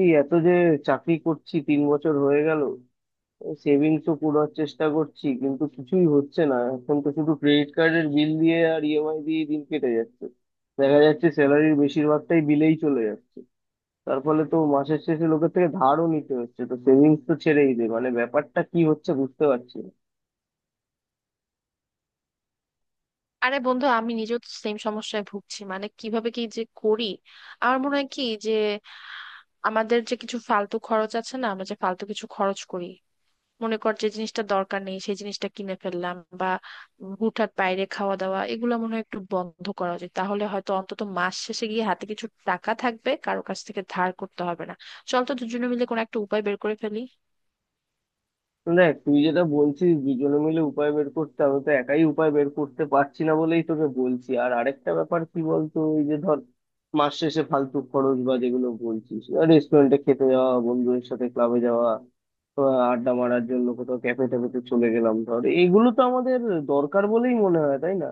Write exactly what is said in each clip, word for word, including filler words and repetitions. এই এত যে চাকরি করছি, তিন বছর হয়ে গেল। সেভিংসও করার চেষ্টা করছি, কিন্তু কিছুই হচ্ছে না। এখন তো শুধু ক্রেডিট কার্ডের বিল দিয়ে আর ইএমআই দিয়ে দিন কেটে যাচ্ছে। দেখা যাচ্ছে স্যালারির বেশিরভাগটাই বিলেই চলে যাচ্ছে। তার ফলে তো মাসের শেষে লোকের থেকে ধারও নিতে হচ্ছে, তো সেভিংস তো ছেড়েই দে, মানে ব্যাপারটা কি হচ্ছে বুঝতে পারছি না। আরে বন্ধু, আমি নিজেও সেম সমস্যায় ভুগছি। মানে কিভাবে কি যে করি। আমার মনে হয় কি যে আমাদের যে কিছু ফালতু খরচ আছে না, আমরা যে ফালতু কিছু খরচ করি। মনে কর যে জিনিসটা দরকার নেই সেই জিনিসটা কিনে ফেললাম, বা উম হুটহাট বাইরে খাওয়া দাওয়া, এগুলো মনে হয় একটু বন্ধ করা উচিত। তাহলে হয়তো অন্তত মাস শেষে গিয়ে হাতে কিছু টাকা থাকবে, কারো কাছ থেকে ধার করতে হবে না। চল তো দুজনে মিলে কোনো একটা উপায় বের করে ফেলি। দেখ, তুই যেটা বলছিস দুজনে মিলে উপায় বের করতে, আমি তো একাই উপায় বের করতে পারছি না বলেই তোকে বলছি। আর আরেকটা ব্যাপার কি বলতো, ওই যে ধর মাস শেষে ফালতু খরচ বা যেগুলো বলছিস, রেস্টুরেন্টে খেতে যাওয়া, বন্ধুদের সাথে ক্লাবে যাওয়া, আহ, আড্ডা মারার জন্য কোথাও ক্যাফে ট্যাফেতে চলে গেলাম, ধর এগুলো তো আমাদের দরকার বলেই মনে হয়, তাই না?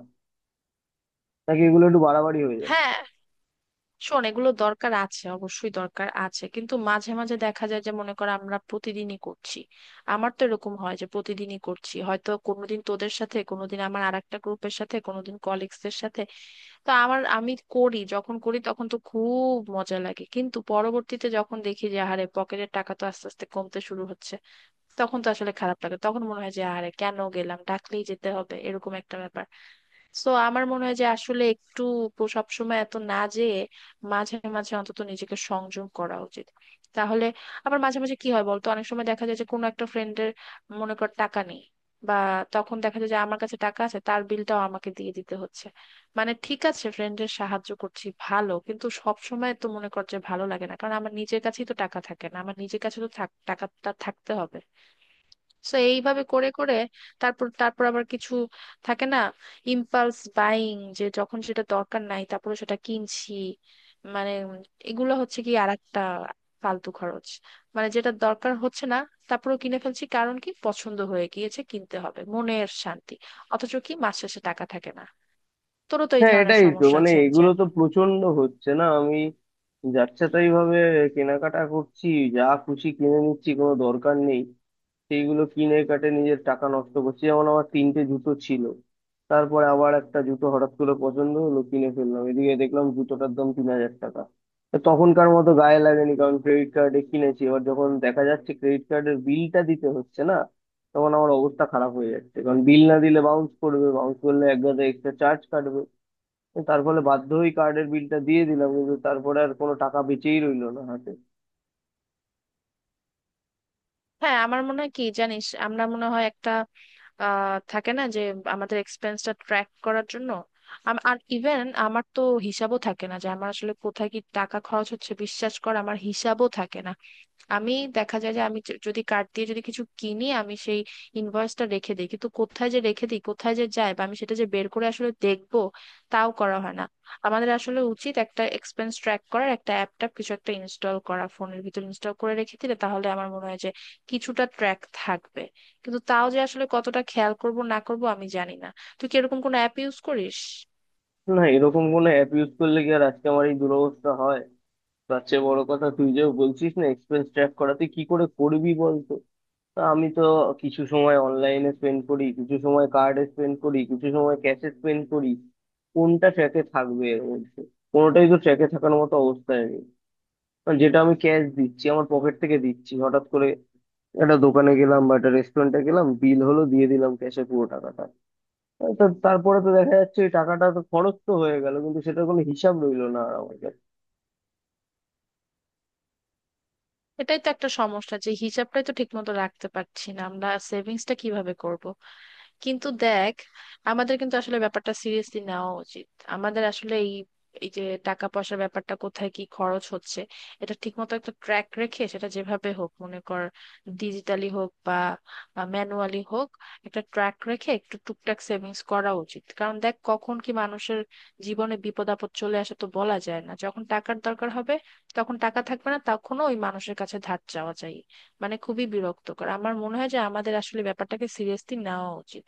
নাকি এগুলো একটু বাড়াবাড়ি হয়ে যাচ্ছে? হ্যাঁ। শোন, এগুলো দরকার আছে, অবশ্যই দরকার আছে, কিন্তু মাঝে মাঝে দেখা যায় যে মনে করো আমরা প্রতিদিনই করছি। আমার তো এরকম হয় যে প্রতিদিনই করছি, হয়তো কোনোদিন তোদের সাথে, কোনোদিন আমার আরেকটা গ্রুপের সাথে, কোনোদিন কলিগসদের সাথে। তো আমার আমি করি, যখন করি তখন তো খুব মজা লাগে, কিন্তু পরবর্তীতে যখন দেখি যে আহারে পকেটের টাকা তো আস্তে আস্তে কমতে শুরু হচ্ছে, তখন তো আসলে খারাপ লাগে। তখন মনে হয় যে আরে কেন গেলাম, ডাকলেই যেতে হবে, এরকম একটা ব্যাপার। সো আমার মনে হয় যে আসলে একটু প- সবসময় এত না যেয়ে মাঝে মাঝে অন্তত নিজেকে সংযম করা উচিত। তাহলে আবার মাঝে মাঝে কি হয় বলতো, অনেক সময় দেখা যায় যে কোনো একটা ফ্রেন্ডের মনে কর টাকা নেই, বা তখন দেখা যায় যে আমার কাছে টাকা আছে, তার বিলটাও আমাকে দিয়ে দিতে হচ্ছে। মানে ঠিক আছে, ফ্রেন্ডের সাহায্য করছি, ভালো, কিন্তু সব সময় তো মনে কর যে ভালো লাগে না, কারণ আমার নিজের কাছেই তো টাকা থাকে না। আমার নিজের কাছে তো থাক- টাকাটা থাকতে হবে। তো এইভাবে করে করে তারপর তারপর আবার কিছু থাকে না। ইম্পালস বাইং, যে যখন সেটা দরকার নাই তারপর সেটা কিনছি, মানে এগুলো হচ্ছে কি আরেকটা ফালতু খরচ। মানে যেটা দরকার হচ্ছে না তারপরও কিনে ফেলছি, কারণ কি পছন্দ হয়ে গিয়েছে, কিনতে হবে, মনের শান্তি। অথচ কি মাস শেষে টাকা থাকে না। তোরও তো এই হ্যাঁ, ধরনের এটাই তো, সমস্যা মানে আছে, আমি এগুলো জানি। তো প্রচন্ড হচ্ছে। না, আমি যাচ্ছে তাই ভাবে কেনাকাটা করছি, যা খুশি কিনে নিচ্ছি, কোনো দরকার নেই সেইগুলো কিনে কাটে নিজের টাকা নষ্ট করছি। যেমন আমার তিনটে জুতো ছিল, তারপরে আবার একটা জুতো হঠাৎ করে পছন্দ হলো, কিনে ফেললাম। এদিকে দেখলাম জুতোটার দাম তিন হাজার টাকা। তা তখনকার মতো গায়ে লাগেনি, কারণ ক্রেডিট কার্ডে কিনেছি। এবার যখন দেখা যাচ্ছে ক্রেডিট কার্ডের বিলটা দিতে হচ্ছে, না তখন আমার অবস্থা খারাপ হয়ে যাচ্ছে, কারণ বিল না দিলে বাউন্স করবে, বাউন্স করলে এক গাদা এক্সট্রা চার্জ কাটবে। তার ফলে বাধ্য হয়ে কার্ডের বিলটা দিয়ে দিলাম, কিন্তু তারপরে আর কোনো টাকা বেঁচেই রইলো না হাতে। হ্যাঁ, আমার মনে হয় কি জানিস আমরা মনে হয় একটা আহ থাকে না, যে আমাদের এক্সপেন্সটা ট্র্যাক করার জন্য। আম- আর ইভেন আমার তো হিসাবও থাকে না যে আমার আসলে কোথায় কি টাকা খরচ হচ্ছে। বিশ্বাস কর আমার হিসাবও থাকে না। আমি দেখা যায় যে আমি য- যদি কার্ড দিয়ে যদি কিছু কিনি, আমি সেই ইনভয়েসটা রেখে দিই, কিন্তু কোথায় যে রেখে দিই কোথায় যে যায়, বা আমি সেটা যে বের করে আসলে দেখবো তাও করা হয় না। আমাদের আসলে উচিত একটা এক্সপেন্স ট্র্যাক করার একটা অ্যাপ ট্যাপ কিছু একটা ইনস্টল করা, ফোনের ভিতর ইনস্টল করে রেখে দিলে তাহলে আমার মনে হয় যে কিছুটা ট্র্যাক থাকবে। কিন্তু তাও যে আসলে কতটা খেয়াল করব না করব আমি জানি না। তুই কি এরকম কোনো অ্যাপ ইউজ করিস? না, এরকম কোনো অ্যাপ ইউজ করলে কি আর আজকে আমার এই দুরবস্থা হয়? তার চেয়ে বড় কথা, তুই যে বলছিস না এক্সপেন্স ট্র্যাক করা, তুই কি করে করবি বলতো? তা আমি তো কিছু সময় অনলাইনে স্পেন্ড করি, কিছু সময় কার্ডে স্পেন্ড করি, কিছু সময় ক্যাশে স্পেন্ড করি। কোনটা ট্র্যাকে থাকবে এর মধ্যে? কোনোটাই তো ট্র্যাকে থাকার মতো অবস্থায় নেই। কারণ যেটা আমি ক্যাশ দিচ্ছি আমার পকেট থেকে দিচ্ছি, হঠাৎ করে একটা দোকানে গেলাম বা একটা রেস্টুরেন্টে গেলাম, বিল হলো দিয়ে দিলাম ক্যাশে পুরো টাকাটা। আহ, তো তারপরে তো দেখা যাচ্ছে ওই টাকাটা তো খরচ তো হয়ে গেল, কিন্তু সেটার কোনো হিসাব রইলো না আর আমার। এটাই তো একটা সমস্যা, যে হিসাবটাই তো ঠিক মতো রাখতে পারছি না, আমরা সেভিংসটা কিভাবে করব? কিন্তু দেখ, আমাদের কিন্তু আসলে ব্যাপারটা সিরিয়াসলি নেওয়া উচিত। আমাদের আসলে এই এই যে টাকা পয়সার ব্যাপারটা কোথায় কি খরচ হচ্ছে, এটা ঠিকমতো একটা ট্র্যাক রেখে সেটা যেভাবে হোক, মনে কর ডিজিটালি হোক বা ম্যানুয়ালি হোক, একটা ট্র্যাক রেখে একটু টুকটাক সেভিংস করা উচিত। কারণ দেখ, কখন কি মানুষের জীবনে বিপদ আপদ চলে আসে তো বলা যায় না, যখন টাকার দরকার হবে তখন টাকা থাকবে না, তখনও ওই মানুষের কাছে ধার চাওয়া চাই, মানে খুবই বিরক্তকর। আমার মনে হয় যে আমাদের আসলে ব্যাপারটাকে সিরিয়াসলি নেওয়া উচিত।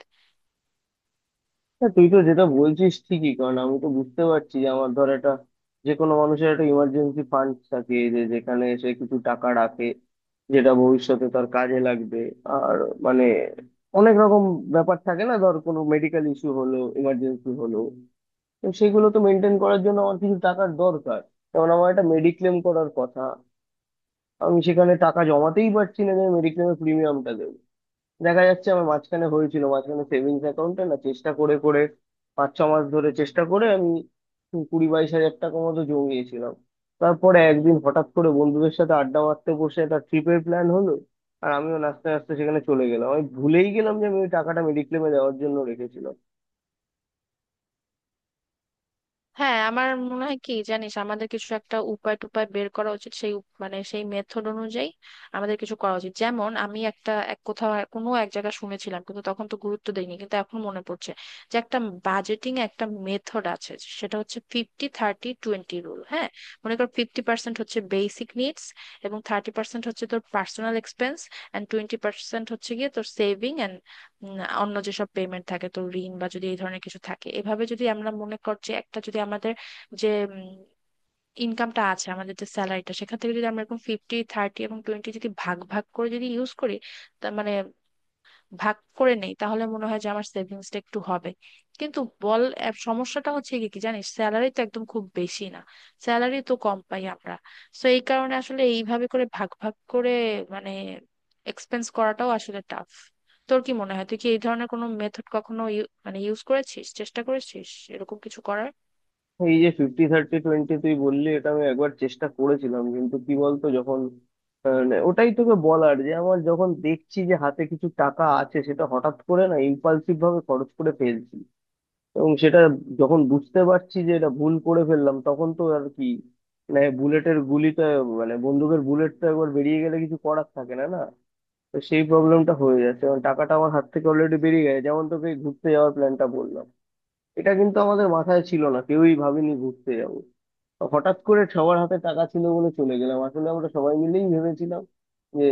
হ্যাঁ, তুই তো যেটা বলছিস ঠিকই, কারণ আমি তো বুঝতে পারছি যে আমার ধর একটা, যে কোনো মানুষের একটা ইমার্জেন্সি ফান্ড থাকে যে যেখানে সে কিছু টাকা রাখে, যেটা ভবিষ্যতে তার কাজে লাগবে। আর মানে অনেক রকম ব্যাপার থাকে, না ধর কোনো মেডিকেল ইস্যু হলো, ইমার্জেন্সি হলো, তো সেগুলো তো মেনটেন করার জন্য আমার কিছু টাকার দরকার। যেমন আমার একটা মেডিক্লেম করার কথা, আমি সেখানে টাকা জমাতেই পারছি না যে মেডিক্লেমের প্রিমিয়ামটা দেবো। দেখা যাচ্ছে, আমার মাঝখানে হয়েছিল, মাঝখানে সেভিংস অ্যাকাউন্টে না, চেষ্টা করে করে পাঁচ ছ মাস ধরে চেষ্টা করে আমি কুড়ি বাইশ হাজার টাকা মতো জমিয়েছিলাম। তারপরে একদিন হঠাৎ করে বন্ধুদের সাথে আড্ডা মারতে বসে একটা ট্রিপের প্ল্যান হলো, আর আমিও নাচতে নাচতে সেখানে চলে গেলাম। আমি ভুলেই গেলাম যে আমি ওই টাকাটা মেডিক্লেমে দেওয়ার জন্য রেখেছিলাম। হ্যাঁ, আমার মনে হয় কি জানিস আমাদের কিছু একটা উপায় টুপায় বের করা উচিত, সেই উপ- মানে সেই মেথড অনুযায়ী আমাদের কিছু করা উচিত। যেমন আমি একটা এক কোথাও এক- কোনো এক জায়গায় শুনেছিলাম কিন্তু তখন তো গুরুত্ব দেইনি, কিন্তু এখন মনে পড়ছে যে একটা বাজেটিং একটা মেথড আছে, সেটা হচ্ছে ফিফটি থার্টি টোয়েন্টি রুল। হ্যাঁ, মনে কর ফিফটি পার্সেন্ট হচ্ছে বেসিক নিডস, এবং থার্টি পার্সেন্ট হচ্ছে তোর personal expense, and twenty percent হচ্ছে গিয়ে তোর সেভিং। উম, অন্য যেসব পেমেন্ট থাকে, তো ঋণ বা যদি এই ধরনের কিছু থাকে, এভাবে যদি আমরা মনে কর যে একটা যদি আমাদের যে ইনকামটা আছে, আমাদের যে স্যালারিটা, সেখান থেকে যদি আমরা এরকম ফিফটি থার্টি এবং টোয়েন্টি যদি ভাগ ভাগ করে যদি ইউজ করি, তা মানে ভাগ করে নেই, তাহলে মনে হয় যে আমার সেভিংসটা একটু হবে। কিন্তু বল আহ, সমস্যাটা হচ্ছে কি কি জানিস, স্যালারি তো একদম খুব বেশি না, স্যালারি তো কম পাই আমরা। তো এই কারণে আসলে এইভাবে করে ভাগ ভাগ করে মানে এক্সপেন্স করাটাও আসলে টাফ। তোর কি মনে হয়, তুই কি এই ধরনের কোনো মেথড কখনো ইউ- মানে ইউজ করেছিস, চেষ্টা করেছিস এরকম কিছু করার? এই যে ফিফটি থার্টি টোয়েন্টি তুই বললি, এটা আমি একবার চেষ্টা করেছিলাম, কিন্তু কি বলতো যখন, আহ, মানে ওটাই তোকে বলার, যে আমার যখন দেখছি যে হাতে কিছু টাকা আছে, সেটা হঠাৎ করে না ইম্পালসিভ ভাবে খরচ করে ফেলছি। এবং সেটা যখন বুঝতে পারছি যে এটা ভুল করে ফেললাম, তখন তো আর কি, মানে বুলেটের গুলিটা, মানে বন্দুকের বুলেটটা একবার বেরিয়ে গেলে কিছু করার থাকে না, না। তো সেই প্রবলেমটা হয়ে যাচ্ছে কারণ টাকাটা আমার হাত থেকে অলরেডি বেরিয়ে গেছে। যেমন তোকে এই ঘুরতে যাওয়ার প্ল্যানটা বললাম, এটা কিন্তু আমাদের মাথায় ছিল না, কেউই ভাবিনি ঘুরতে যাবো। তো হঠাৎ করে সবার হাতে টাকা ছিল বলে চলে গেলাম। আসলে আমরা সবাই মিলেই ভেবেছিলাম যে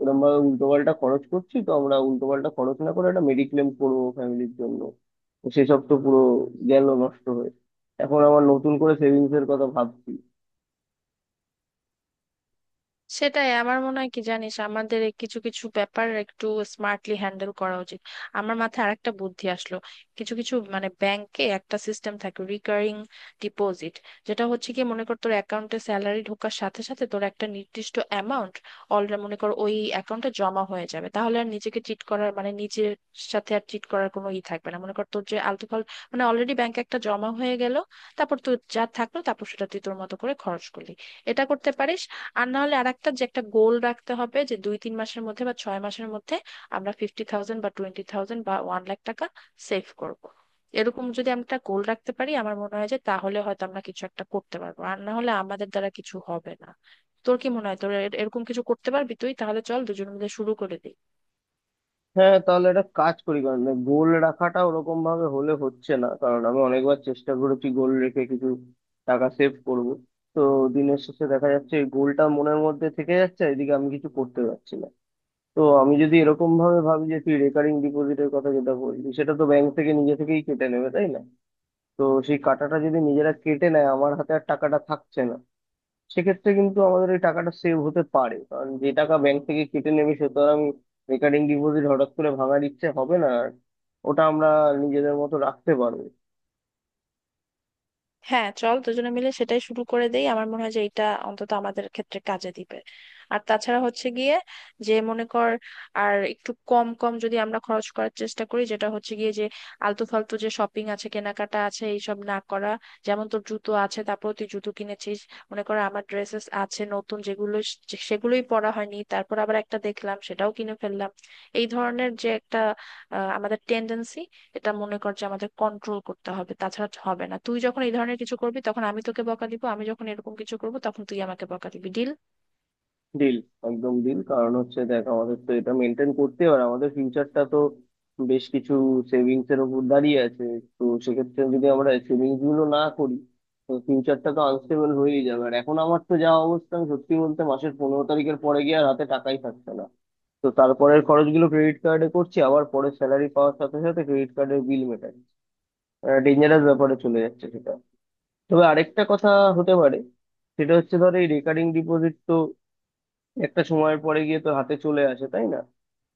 এরকম ভাবে উল্টো পাল্টা খরচ করছি, তো আমরা উল্টো পাল্টা খরচ না করে একটা মেডিক্লেম করবো ফ্যামিলির জন্য। তো সেসব তো পুরো গেল নষ্ট হয়ে। এখন আবার নতুন করে সেভিংস এর কথা ভাবছি। সেটাই, আমার মনে হয় কি জানিস আমাদের এই কিছু কিছু ব্যাপার একটু স্মার্টলি হ্যান্ডেল করা উচিত। আমার মাথায় আরেকটা বুদ্ধি আসলো। কিছু কিছু মানে ব্যাংকে একটা সিস্টেম থাকে, রিকারিং ডিপোজিট, যেটা হচ্ছে কি মনে কর তোর অ্যাকাউন্টে স্যালারি ঢোকার সাথে সাথে তোর একটা নির্দিষ্ট অ্যামাউন্ট অলরেডি মনে কর ওই অ্যাকাউন্টে জমা হয়ে যাবে, তাহলে আর নিজেকে চিট করার মানে নিজের সাথে আর চিট করার কোনো ই থাকবে না। মনে কর তোর যে আলতু ফাল মানে অলরেডি ব্যাংকে একটা জমা হয়ে গেল, তারপর তোর যা থাকলো তারপর সেটা তুই তোর মতো করে খরচ করলি। এটা করতে পারিস। আর না হলে আরেকটা, যে একটা গোল রাখতে হবে, যে দুই তিন মাসের মধ্যে বা ছয় মাসের মধ্যে আমরা ফিফটি থাউজেন্ড বা টোয়েন্টি থাউজেন্ড বা ওয়ান লাখ টাকা সেভ করব। এরকম যদি আমরা একটা গোল রাখতে পারি, আমার মনে হয় যে তাহলে হয়তো আমরা কিছু একটা করতে পারবো, আর না হলে আমাদের দ্বারা কিছু হবে না। তোর কি মনে হয়, তোর এর- এরকম কিছু করতে পারবি তুই? তাহলে চল দুজন মিলে শুরু করে দিই। হ্যাঁ, তাহলে একটা কাজ করি, কারণ গোল রাখাটা ওরকম ভাবে হলে হচ্ছে না। কারণ আমি অনেকবার চেষ্টা করেছি গোল রেখে কিছু টাকা সেভ করব, তো দিনের শেষে দেখা যাচ্ছে গোলটা মনের মধ্যে থেকে যাচ্ছে, এদিকে আমি কিছু করতে পারছি না। তো আমি যদি এরকম ভাবে ভাবি যে, তুই রেকারিং ডিপোজিটের কথা যেটা বললি, সেটা তো ব্যাংক থেকে নিজে থেকেই কেটে নেবে, তাই না? তো সেই কাটাটা যদি নিজেরা কেটে নেয়, আমার হাতে আর টাকাটা থাকছে না, সেক্ষেত্রে কিন্তু আমাদের এই টাকাটা সেভ হতে পারে। কারণ যে টাকা ব্যাংক থেকে কেটে নেবে, সে তো আর আমি রেকারিং ডিপোজিট হঠাৎ করে ভাঙার ইচ্ছে হবে না আর, ওটা আমরা নিজেদের মতো রাখতে পারবো। হ্যাঁ চল, দুজনে মিলে সেটাই শুরু করে দেই। আমার মনে হয় যে এটা অন্তত আমাদের ক্ষেত্রে কাজে দিবে। আর তাছাড়া হচ্ছে গিয়ে যে মনে কর আর একটু কম কম যদি আমরা খরচ করার চেষ্টা করি, যেটা হচ্ছে গিয়ে যে আলতু ফালতু যে শপিং আছে কেনাকাটা আছে এইসব না করা। যেমন তোর জুতো আছে তারপর তুই জুতো কিনেছিস, মনে কর আমার ড্রেসেস আছে নতুন যেগুলো সে- সেগুলোই পরা হয়নি, তারপর আবার একটা দেখলাম সেটাও কিনে ফেললাম। এই ধরনের যে একটা আহ, আমাদের টেন্ডেন্সি, এটা মনে কর যে আমাদের কন্ট্রোল করতে হবে, তাছাড়া হবে না। তুই যখন এই ধরনের কিছু করবি তখন আমি তোকে বকা দিব, আমি যখন এরকম কিছু করব তখন তুই আমাকে বকা দিবি, ডিল? ডিল, একদম ডিল। কারণ হচ্ছে দেখ, আমাদের তো এটা মেনটেন করতে হবে আর আমাদের ফিউচারটা তো বেশ কিছু সেভিংস এর উপর দাঁড়িয়ে আছে। তো সেক্ষেত্রে যদি আমরা সেভিংস গুলো না করি, তো ফিউচারটা তো আনস্টেবল হয়েই যাবে। আর এখন আমার তো যা অবস্থা, আমি সত্যি বলতে মাসের পনেরো তারিখের পরে গিয়ে আর হাতে টাকাই থাকছে না। তো তারপরের খরচগুলো ক্রেডিট কার্ডে করছি, আবার পরে স্যালারি পাওয়ার সাথে সাথে ক্রেডিট কার্ডের বিল মেটাচ্ছি। ডেঞ্জারাস ব্যাপারে চলে যাচ্ছে সেটা। তবে আরেকটা কথা হতে পারে, সেটা হচ্ছে ধর এই রেকারিং ডিপোজিট তো একটা সময়ের পরে গিয়ে তো হাতে চলে আসে, তাই না?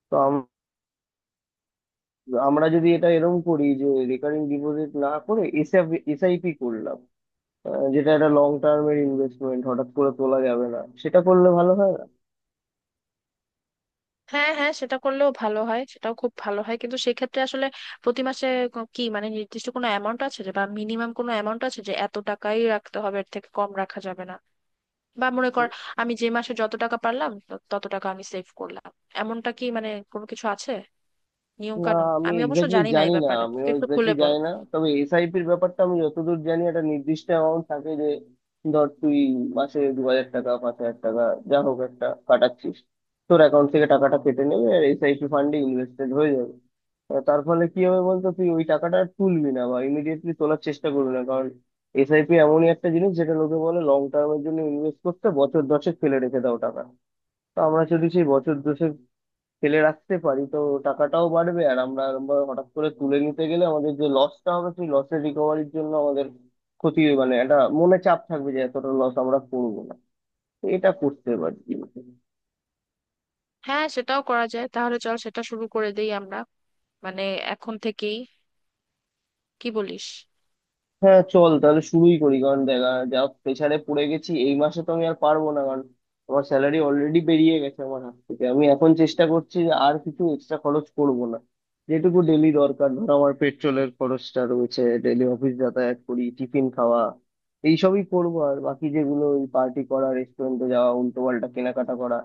তো আম- আমরা যদি এটা এরকম করি যে রেকারিং ডিপোজিট না করে এসআইপি করলাম, আহ, যেটা একটা লং টার্মের ইনভেস্টমেন্ট, হঠাৎ করে তোলা যাবে না, সেটা করলে ভালো হয় না? হ্যাঁ হ্যাঁ, সেটা করলেও ভালো হয়, সেটাও খুব ভালো হয়, কিন্তু সেক্ষেত্রে আসলে প্রতি মাসে ক- কি মানে নির্দিষ্ট কোনো অ্যামাউন্ট আছে যে, বা মিনিমাম কোনো অ্যামাউন্ট আছে যে এত টাকাই রাখতে হবে, এর থেকে কম রাখা যাবে না? বা মনে কর আমি যে মাসে যত টাকা পারলাম ত- তত টাকা আমি সেভ করলাম, এমনটা কি মানে কোনো কিছু আছে নিয়ম না, কানুন? আমি আমি অবশ্য এক্স্যাক্টলি জানি না জানি এই না, ব্যাপারে, আমিও তুই একটু খুলে এক্স্যাক্টলি বল। জানি না, তবে এসআইপির ব্যাপারটা আমি যতদূর জানি একটা নির্দিষ্ট অ্যামাউন্ট থাকে, যে ধর তুই মাসে দু হাজার টাকা, পাঁচ হাজার টাকা যা হোক একটা কাটাচ্ছিস, তোর অ্যাকাউন্ট থেকে টাকাটা কেটে নেবে আর এসআইপি ফান্ডে ইনভেস্টেড হয়ে যাবে। আহ তার ফলে কি হবে বলতো, তুই ওই টাকাটা আর তুলবি না বা ইমিডিয়েটলি তোলার চেষ্টা করবি না, কারণ এসআইপি এমনই একটা জিনিস যেটা লোকে বলে লং টার্মের জন্য ইনভেস্ট করতে, বছর দশেক ফেলে রেখে দাও টাকা। তো আমরা যদি সেই বছর ফেলে রাখতে পারি, তো টাকাটাও বাড়বে। আর আমরা এরম ভাবে হঠাৎ করে তুলে নিতে গেলে আমাদের যে লসটা হবে, সেই লসের রিকভারির জন্য আমাদের ক্ষতি, মানে একটা মনে চাপ থাকবে যে এতটা লস আমরা করবো না। তো এটা করতে পারি। হ্যাঁ সেটাও করা যায়, তাহলে চল সেটা শুরু করে দেই আমরা, মানে এখন থেকেই, কি বলিস? হ্যাঁ, চল তাহলে শুরুই করি, কারণ দেখা যা, প্রেসারে পড়ে গেছি এই মাসে, তো আমি আর পারবো না, কারণ আমার স্যালারি অলরেডি বেরিয়ে গেছে আমার হাত থেকে। আমি এখন চেষ্টা করছি যে আর কিছু এক্সট্রা খরচ করব না, যেটুকু ডেলি দরকার ধর আমার পেট্রোলের খরচটা রয়েছে, ডেলি অফিস যাতায়াত করি, টিফিন খাওয়া, এইসবই করবো। আর বাকি যেগুলো ওই পার্টি করা, রেস্টুরেন্টে যাওয়া, উল্টো পাল্টা কেনাকাটা করা,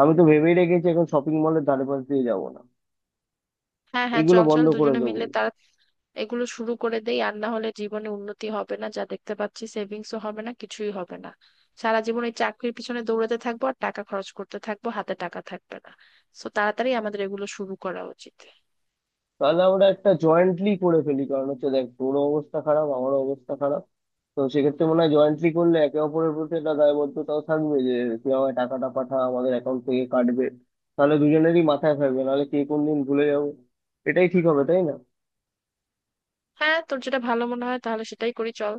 আমি তো ভেবেই রেখেছি এখন শপিং মলের ধারে পাশ দিয়ে যাবো না। হ্যাঁ হ্যাঁ এগুলো চল চল, বন্ধ করে দুজনে দেবো। মিলে তার এগুলো শুরু করে দেই, আর না হলে জীবনে উন্নতি হবে না, যা দেখতে পাচ্ছি সেভিংসও হবে না, কিছুই হবে না। সারা জীবন এই চাকরির পিছনে দৌড়াতে থাকবো আর টাকা খরচ করতে থাকবো, হাতে টাকা থাকবে না। সো তাড়াতাড়ি আমাদের এগুলো শুরু করা উচিত। তাহলে আমরা একটা জয়েন্টলি করে ফেলি, কারণ হচ্ছে দেখ তোরও অবস্থা খারাপ, আমারও অবস্থা খারাপ। তো সেক্ষেত্রে মনে হয় জয়েন্টলি করলে একে অপরের প্রতি একটা দায়বদ্ধতাও থাকবে, যে তুই আমায় টাকাটা পাঠা, আমাদের অ্যাকাউন্ট থেকে কাটবে, তাহলে দুজনেরই মাথায় থাকবে। নাহলে কে কোন দিন ভুলে যাবো। এটাই ঠিক হবে, তাই না? হ্যাঁ, তোর যেটা ভালো মনে হয় তাহলে সেটাই করি, চল।